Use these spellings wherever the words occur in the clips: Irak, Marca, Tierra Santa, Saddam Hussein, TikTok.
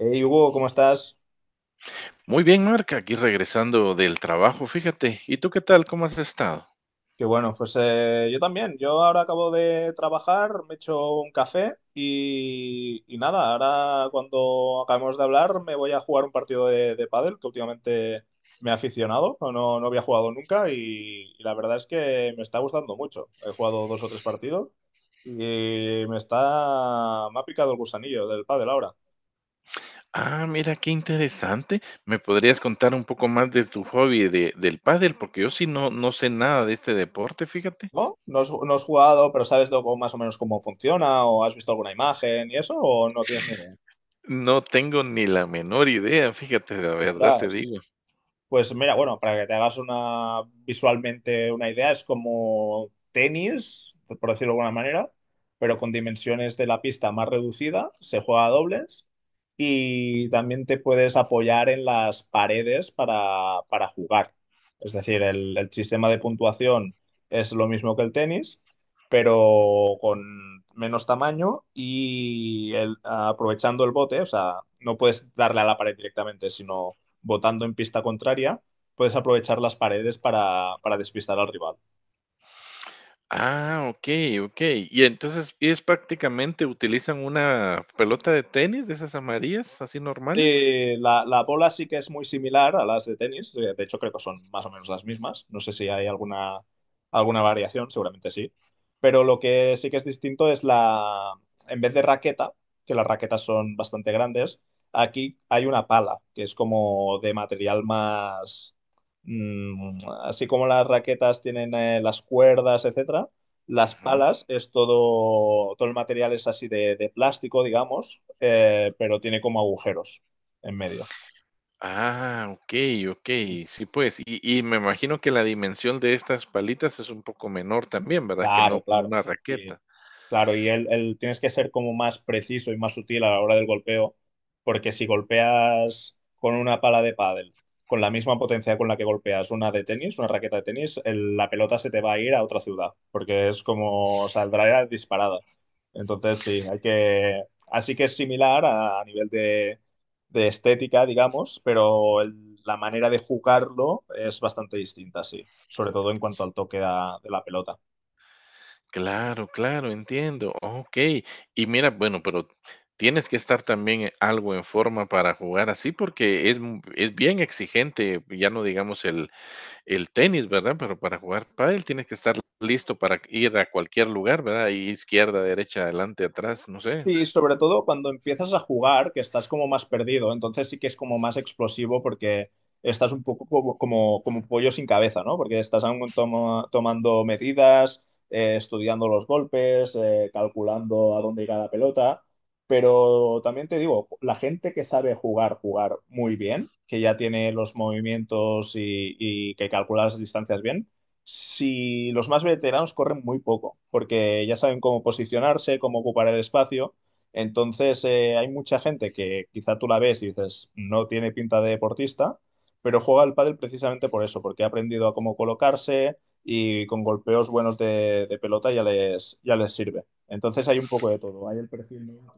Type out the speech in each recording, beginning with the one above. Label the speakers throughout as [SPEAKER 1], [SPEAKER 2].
[SPEAKER 1] Hey Hugo, ¿cómo estás?
[SPEAKER 2] Muy bien, Marca, aquí regresando del trabajo, fíjate. ¿Y tú qué tal? ¿Cómo has estado?
[SPEAKER 1] Que bueno, pues yo también. Yo ahora acabo de trabajar, me he hecho un café y nada, ahora cuando acabemos de hablar me voy a jugar un partido de pádel que últimamente me he aficionado, no, no, no había jugado nunca y la verdad es que me está gustando mucho. He jugado dos o tres partidos y me ha picado el gusanillo del pádel ahora.
[SPEAKER 2] Ah, mira, qué interesante. ¿Me podrías contar un poco más de tu hobby del pádel? Porque yo sí no sé nada de este deporte, fíjate.
[SPEAKER 1] ¿No? ¿No has jugado, pero sabes más o menos cómo funciona o has visto alguna imagen y eso o no tienes ni idea?
[SPEAKER 2] No tengo ni la menor idea, fíjate, la verdad te
[SPEAKER 1] Ostras.
[SPEAKER 2] digo.
[SPEAKER 1] Pues mira, bueno, para que te hagas una visualmente una idea, es como tenis, por decirlo de alguna manera, pero con dimensiones de la pista más reducida, se juega a dobles y también te puedes apoyar en las paredes para jugar. Es decir, el sistema de puntuación es lo mismo que el tenis, pero con menos tamaño y aprovechando el bote, o sea, no puedes darle a la pared directamente, sino votando en pista contraria, puedes aprovechar las paredes para despistar al rival.
[SPEAKER 2] Ah, ok, ok. Y entonces, ¿es prácticamente utilizan una pelota de tenis de esas amarillas, así normales?
[SPEAKER 1] Sí, la bola sí que es muy similar a las de tenis. De hecho, creo que son más o menos las mismas. No sé si hay alguna variación, seguramente sí. Pero lo que sí que es distinto es en vez de raqueta, que las raquetas son bastante grandes, aquí hay una pala, que es como de material más mm, así como las raquetas tienen las cuerdas, etcétera, las palas es todo el material es así de plástico, digamos, pero tiene como agujeros en medio.
[SPEAKER 2] Ah, okey, okey. Sí, pues, y me imagino que la dimensión de estas palitas es un poco menor también, ¿verdad? Que
[SPEAKER 1] Claro,
[SPEAKER 2] no como
[SPEAKER 1] claro.
[SPEAKER 2] una
[SPEAKER 1] Sí,
[SPEAKER 2] raqueta.
[SPEAKER 1] claro, y tienes que ser como más preciso y más sutil a la hora del golpeo, porque si golpeas con una pala de pádel, con la misma potencia con la que golpeas una de tenis, una raqueta de tenis, la pelota se te va a ir a otra ciudad, porque es como saldrá disparada. Entonces, sí, hay que. Así que es similar a nivel de estética, digamos, pero la manera de jugarlo es bastante distinta, sí, sobre todo en cuanto al toque de la pelota.
[SPEAKER 2] Claro, claro, entiendo. Okey. Y mira, bueno, pero tienes que estar también algo en forma para jugar así, porque es m es bien exigente, ya no digamos el tenis, ¿verdad? Pero para jugar pádel tienes que estar listo para ir a cualquier lugar, ¿verdad? Y izquierda, derecha, adelante, atrás, no sé.
[SPEAKER 1] Sí, sobre todo cuando empiezas a jugar, que estás como más perdido, entonces sí que es como más explosivo porque estás un poco como un pollo sin cabeza, ¿no? Porque estás aún tomando medidas, estudiando los golpes, calculando a dónde irá la pelota, pero también te digo, la gente que sabe jugar muy bien, que ya tiene los movimientos y que calcula las distancias bien si los más veteranos corren muy poco, porque ya saben cómo posicionarse, cómo ocupar el espacio, entonces, hay mucha gente que quizá tú la ves y dices, no tiene pinta de deportista, pero juega al pádel precisamente por eso, porque ha aprendido a cómo colocarse y con golpeos buenos de pelota ya les sirve. Entonces, hay un poco de todo, hay el perfil nuevo.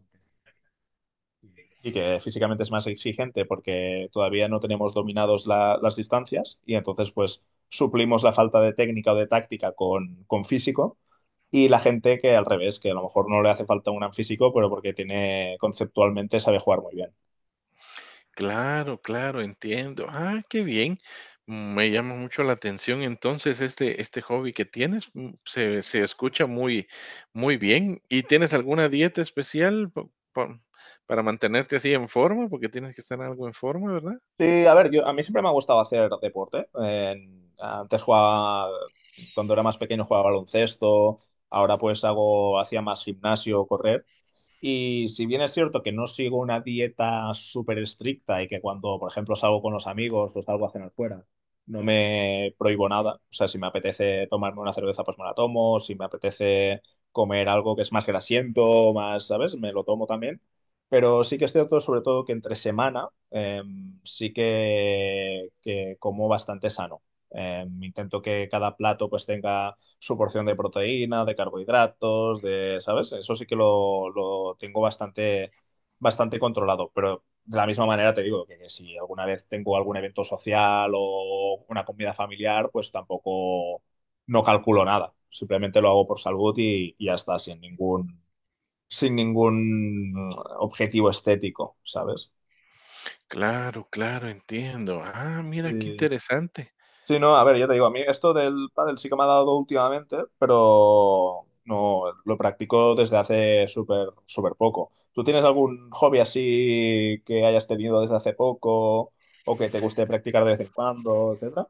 [SPEAKER 1] Y que físicamente es más exigente porque todavía no tenemos dominados las distancias y entonces pues suplimos la falta de técnica o de táctica con físico y la gente que al revés, que a lo mejor no le hace falta un gran físico, pero porque tiene conceptualmente sabe jugar muy bien.
[SPEAKER 2] Claro, claro, entiendo. Ah, qué bien. Me llama mucho la atención entonces este hobby que tienes. Se escucha muy, muy bien. ¿Y tienes alguna dieta especial pa- para mantenerte así en forma? Porque tienes que estar algo en forma, ¿verdad?
[SPEAKER 1] Sí, a ver, yo, a mí siempre me ha gustado hacer deporte. Antes jugaba, cuando era más pequeño jugaba baloncesto, ahora pues hacía más gimnasio, correr. Y si bien es cierto que no sigo una dieta súper estricta y que cuando, por ejemplo, salgo con los amigos o salgo a cenar fuera, no me prohíbo nada. O sea, si me apetece tomarme una cerveza, pues me la tomo. Si me apetece comer algo que es más grasiento, más, ¿sabes? Me lo tomo también. Pero sí que es cierto, sobre todo, que entre semana sí que como bastante sano. Intento que cada plato pues tenga su porción de proteína, de carbohidratos, de, ¿sabes? Eso sí que lo tengo bastante, bastante controlado, pero de la misma manera te digo que si alguna vez tengo algún evento social o una comida familiar, pues tampoco no calculo nada. Simplemente lo hago por salud y ya está, sin ningún objetivo estético, ¿sabes?
[SPEAKER 2] Claro, claro, entiendo. Ah, mira qué
[SPEAKER 1] Sí.
[SPEAKER 2] interesante.
[SPEAKER 1] Sí, no, a ver, ya te digo, a mí esto del pádel sí que me ha dado últimamente, pero no lo practico desde hace súper súper poco. ¿Tú tienes algún hobby así que hayas tenido desde hace poco o que te guste practicar de vez en cuando, etcétera?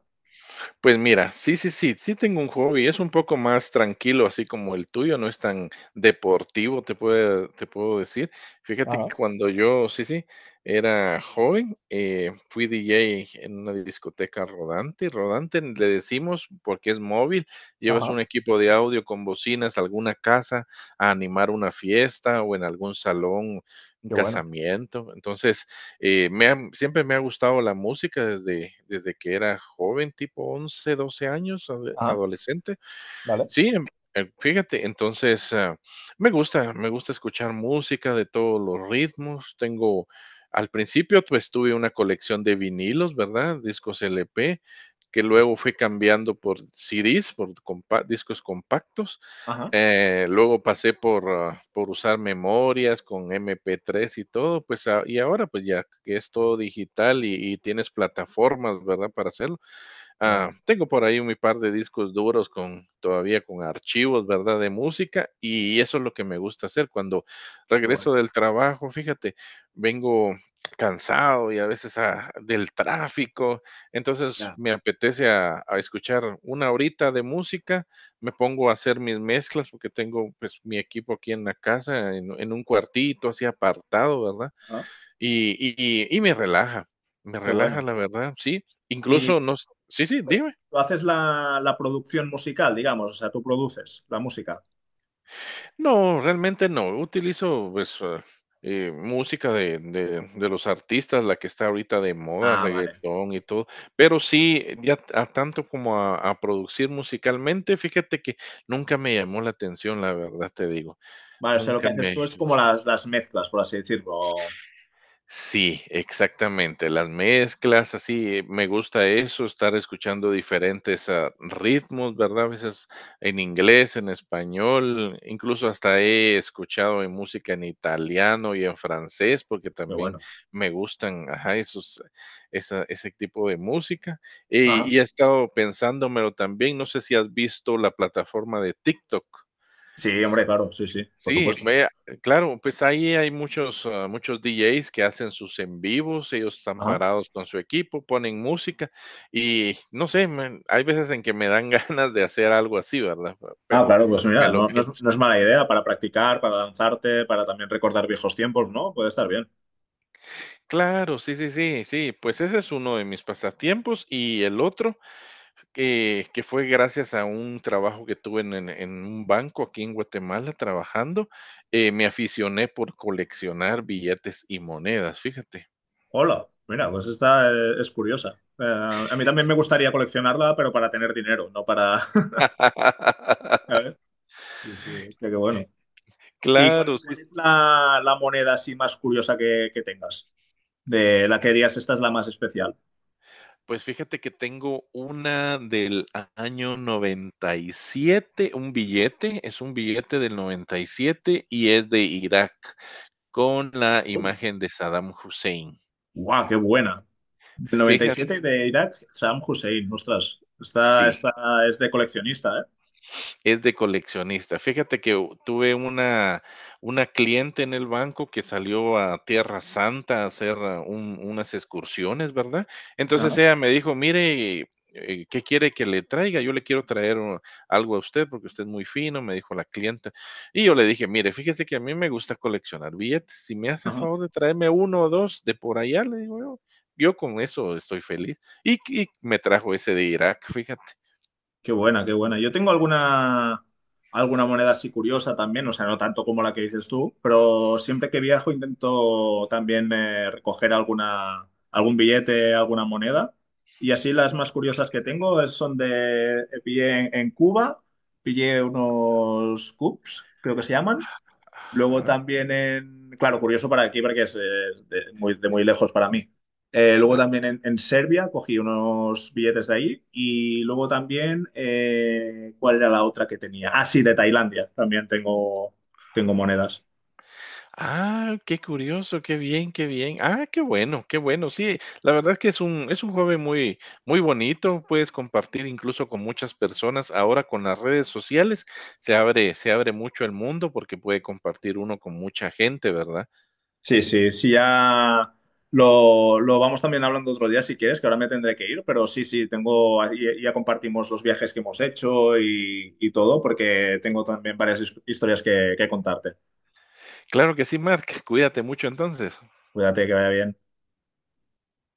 [SPEAKER 2] Pues mira, sí, sí, sí, sí tengo un hobby, es un poco más tranquilo, así como el tuyo, no es tan deportivo, te puedo decir. Fíjate
[SPEAKER 1] Ajá,
[SPEAKER 2] que cuando yo, sí, sí, era joven, fui DJ en una discoteca rodante. Rodante le decimos porque es móvil, llevas
[SPEAKER 1] ajá,
[SPEAKER 2] un equipo de audio con bocinas a alguna casa a animar una fiesta o en algún salón, un
[SPEAKER 1] qué bueno.
[SPEAKER 2] casamiento. Entonces, siempre me ha gustado la música desde que era joven, tipo 11 12 años,
[SPEAKER 1] Ajá,
[SPEAKER 2] adolescente.
[SPEAKER 1] vale.
[SPEAKER 2] Sí, fíjate, entonces, me gusta escuchar música de todos los ritmos. Tengo, al principio, pues tuve una colección de vinilos, ¿verdad? Discos LP, que luego fui cambiando por CDs, por discos compactos.
[SPEAKER 1] Ajá,
[SPEAKER 2] Luego pasé por usar memorias con MP3 y todo, pues, y ahora pues ya que es todo digital y tienes plataformas, ¿verdad? Para hacerlo.
[SPEAKER 1] wow,
[SPEAKER 2] Ah, tengo por ahí un par de discos duros con todavía con archivos, ¿verdad? De música y eso es lo que me gusta hacer cuando
[SPEAKER 1] qué bueno.
[SPEAKER 2] regreso del trabajo, fíjate, vengo cansado y a veces del tráfico, entonces
[SPEAKER 1] Ya,
[SPEAKER 2] me apetece a escuchar una horita de música, me pongo a hacer mis mezclas porque tengo pues mi equipo aquí en la casa, en un cuartito así apartado, ¿verdad?
[SPEAKER 1] ajá,
[SPEAKER 2] Y y y me
[SPEAKER 1] qué
[SPEAKER 2] relaja,
[SPEAKER 1] bueno.
[SPEAKER 2] la verdad, sí.
[SPEAKER 1] ¿Y
[SPEAKER 2] Incluso nos sí, sí, dime.
[SPEAKER 1] tú haces la producción musical, digamos? O sea, tú produces la música.
[SPEAKER 2] No, realmente no, utilizo, música de los artistas, la que está ahorita de moda,
[SPEAKER 1] Ah, vale.
[SPEAKER 2] reggaetón y todo, pero sí, ya a tanto como a producir musicalmente, fíjate que nunca me llamó la atención, la verdad te digo,
[SPEAKER 1] Vale, o sea, lo
[SPEAKER 2] nunca
[SPEAKER 1] que haces
[SPEAKER 2] me.
[SPEAKER 1] tú es como las mezclas, por así decirlo.
[SPEAKER 2] Sí, exactamente. Las mezclas, así, me gusta eso, estar escuchando diferentes ritmos, ¿verdad? A veces en inglés, en español, incluso hasta he escuchado en música en italiano y en francés, porque
[SPEAKER 1] Pero
[SPEAKER 2] también
[SPEAKER 1] bueno.
[SPEAKER 2] me gustan, ajá, esos, ese tipo de música.
[SPEAKER 1] Ajá.
[SPEAKER 2] Y he estado pensándomelo también, no sé si has visto la plataforma de TikTok.
[SPEAKER 1] Sí, hombre, claro, sí, sí, por
[SPEAKER 2] Sí,
[SPEAKER 1] supuesto.
[SPEAKER 2] vea, claro, pues ahí hay muchos, muchos DJs que hacen sus en vivos, ellos están
[SPEAKER 1] Ajá.
[SPEAKER 2] parados con su equipo, ponen música y no sé, hay veces en que me dan ganas de hacer algo así, ¿verdad?
[SPEAKER 1] Ah,
[SPEAKER 2] Pero
[SPEAKER 1] claro, pues
[SPEAKER 2] me
[SPEAKER 1] mira,
[SPEAKER 2] lo
[SPEAKER 1] no, no es,
[SPEAKER 2] pienso.
[SPEAKER 1] no es mala idea para practicar, para lanzarte, para también recordar viejos tiempos, ¿no? Puede estar bien.
[SPEAKER 2] Claro, sí, sí, sí, sí, pues ese es uno de mis pasatiempos y el otro que fue gracias a un trabajo que tuve en un banco aquí en Guatemala trabajando, me aficioné por coleccionar billetes y monedas, fíjate.
[SPEAKER 1] Hola, mira, pues esta es curiosa. A mí también me gustaría coleccionarla, pero para tener dinero, no para A ver, sí, sí, hostia, qué bueno. ¿Y
[SPEAKER 2] Claro,
[SPEAKER 1] cuál,
[SPEAKER 2] sí.
[SPEAKER 1] cuál es la moneda así más curiosa que tengas? De la que dirías, esta es la más especial.
[SPEAKER 2] Pues fíjate que tengo una del a año 97, un billete, es un billete del 97 y es de Irak, con la
[SPEAKER 1] Hola.
[SPEAKER 2] imagen de Saddam Hussein.
[SPEAKER 1] ¡Guau, qué buena! Del noventa y
[SPEAKER 2] Fíjate
[SPEAKER 1] siete de Irak, Saddam Hussein. Ostras, esta,
[SPEAKER 2] sí.
[SPEAKER 1] esta es de coleccionista, ¿eh?
[SPEAKER 2] Es de coleccionista. Fíjate que u tuve una cliente en el banco que salió a Tierra Santa a hacer un unas excursiones, ¿verdad?
[SPEAKER 1] Ajá,
[SPEAKER 2] Entonces ella me dijo: "Mire, ¿qué quiere que le traiga? Yo le quiero traer o algo a usted porque usted es muy fino", me dijo la clienta. Y yo le dije: "Mire, fíjese que a mí me gusta coleccionar billetes. Si me hace
[SPEAKER 1] ajá.
[SPEAKER 2] favor de traerme uno o 2 de por allá", le digo yo, "yo con eso estoy feliz". Y me trajo ese de Irak, fíjate.
[SPEAKER 1] Qué buena, qué
[SPEAKER 2] Mm,
[SPEAKER 1] buena. Yo tengo alguna moneda así curiosa también, o sea, no tanto como la que dices tú, pero siempre que viajo intento también recoger alguna, algún billete, alguna moneda. Y así las más curiosas que tengo son Pillé en Cuba, pillé unos cups, creo que se llaman. Luego
[SPEAKER 2] ajá,
[SPEAKER 1] también claro, curioso para aquí porque es de muy lejos para mí. Luego
[SPEAKER 2] claro.
[SPEAKER 1] también en Serbia cogí unos billetes de ahí y luego también, ¿cuál era la otra que tenía? Ah, sí, de Tailandia también tengo monedas.
[SPEAKER 2] Ah, qué curioso, qué bien, qué bien. Ah, qué bueno, qué bueno. Sí, la verdad que es un hobby muy, muy bonito. Puedes compartir incluso con muchas personas. Ahora con las redes sociales se abre mucho el mundo porque puede compartir uno con mucha gente, ¿verdad?
[SPEAKER 1] Sí, sí, sí, ya lo vamos también hablando otro día si quieres, que ahora me tendré que ir, pero sí, sí, ahí ya compartimos los viajes que hemos hecho y todo porque tengo también varias historias que contarte.
[SPEAKER 2] Claro que sí, Mark. Cuídate mucho entonces.
[SPEAKER 1] Cuídate, que vaya bien.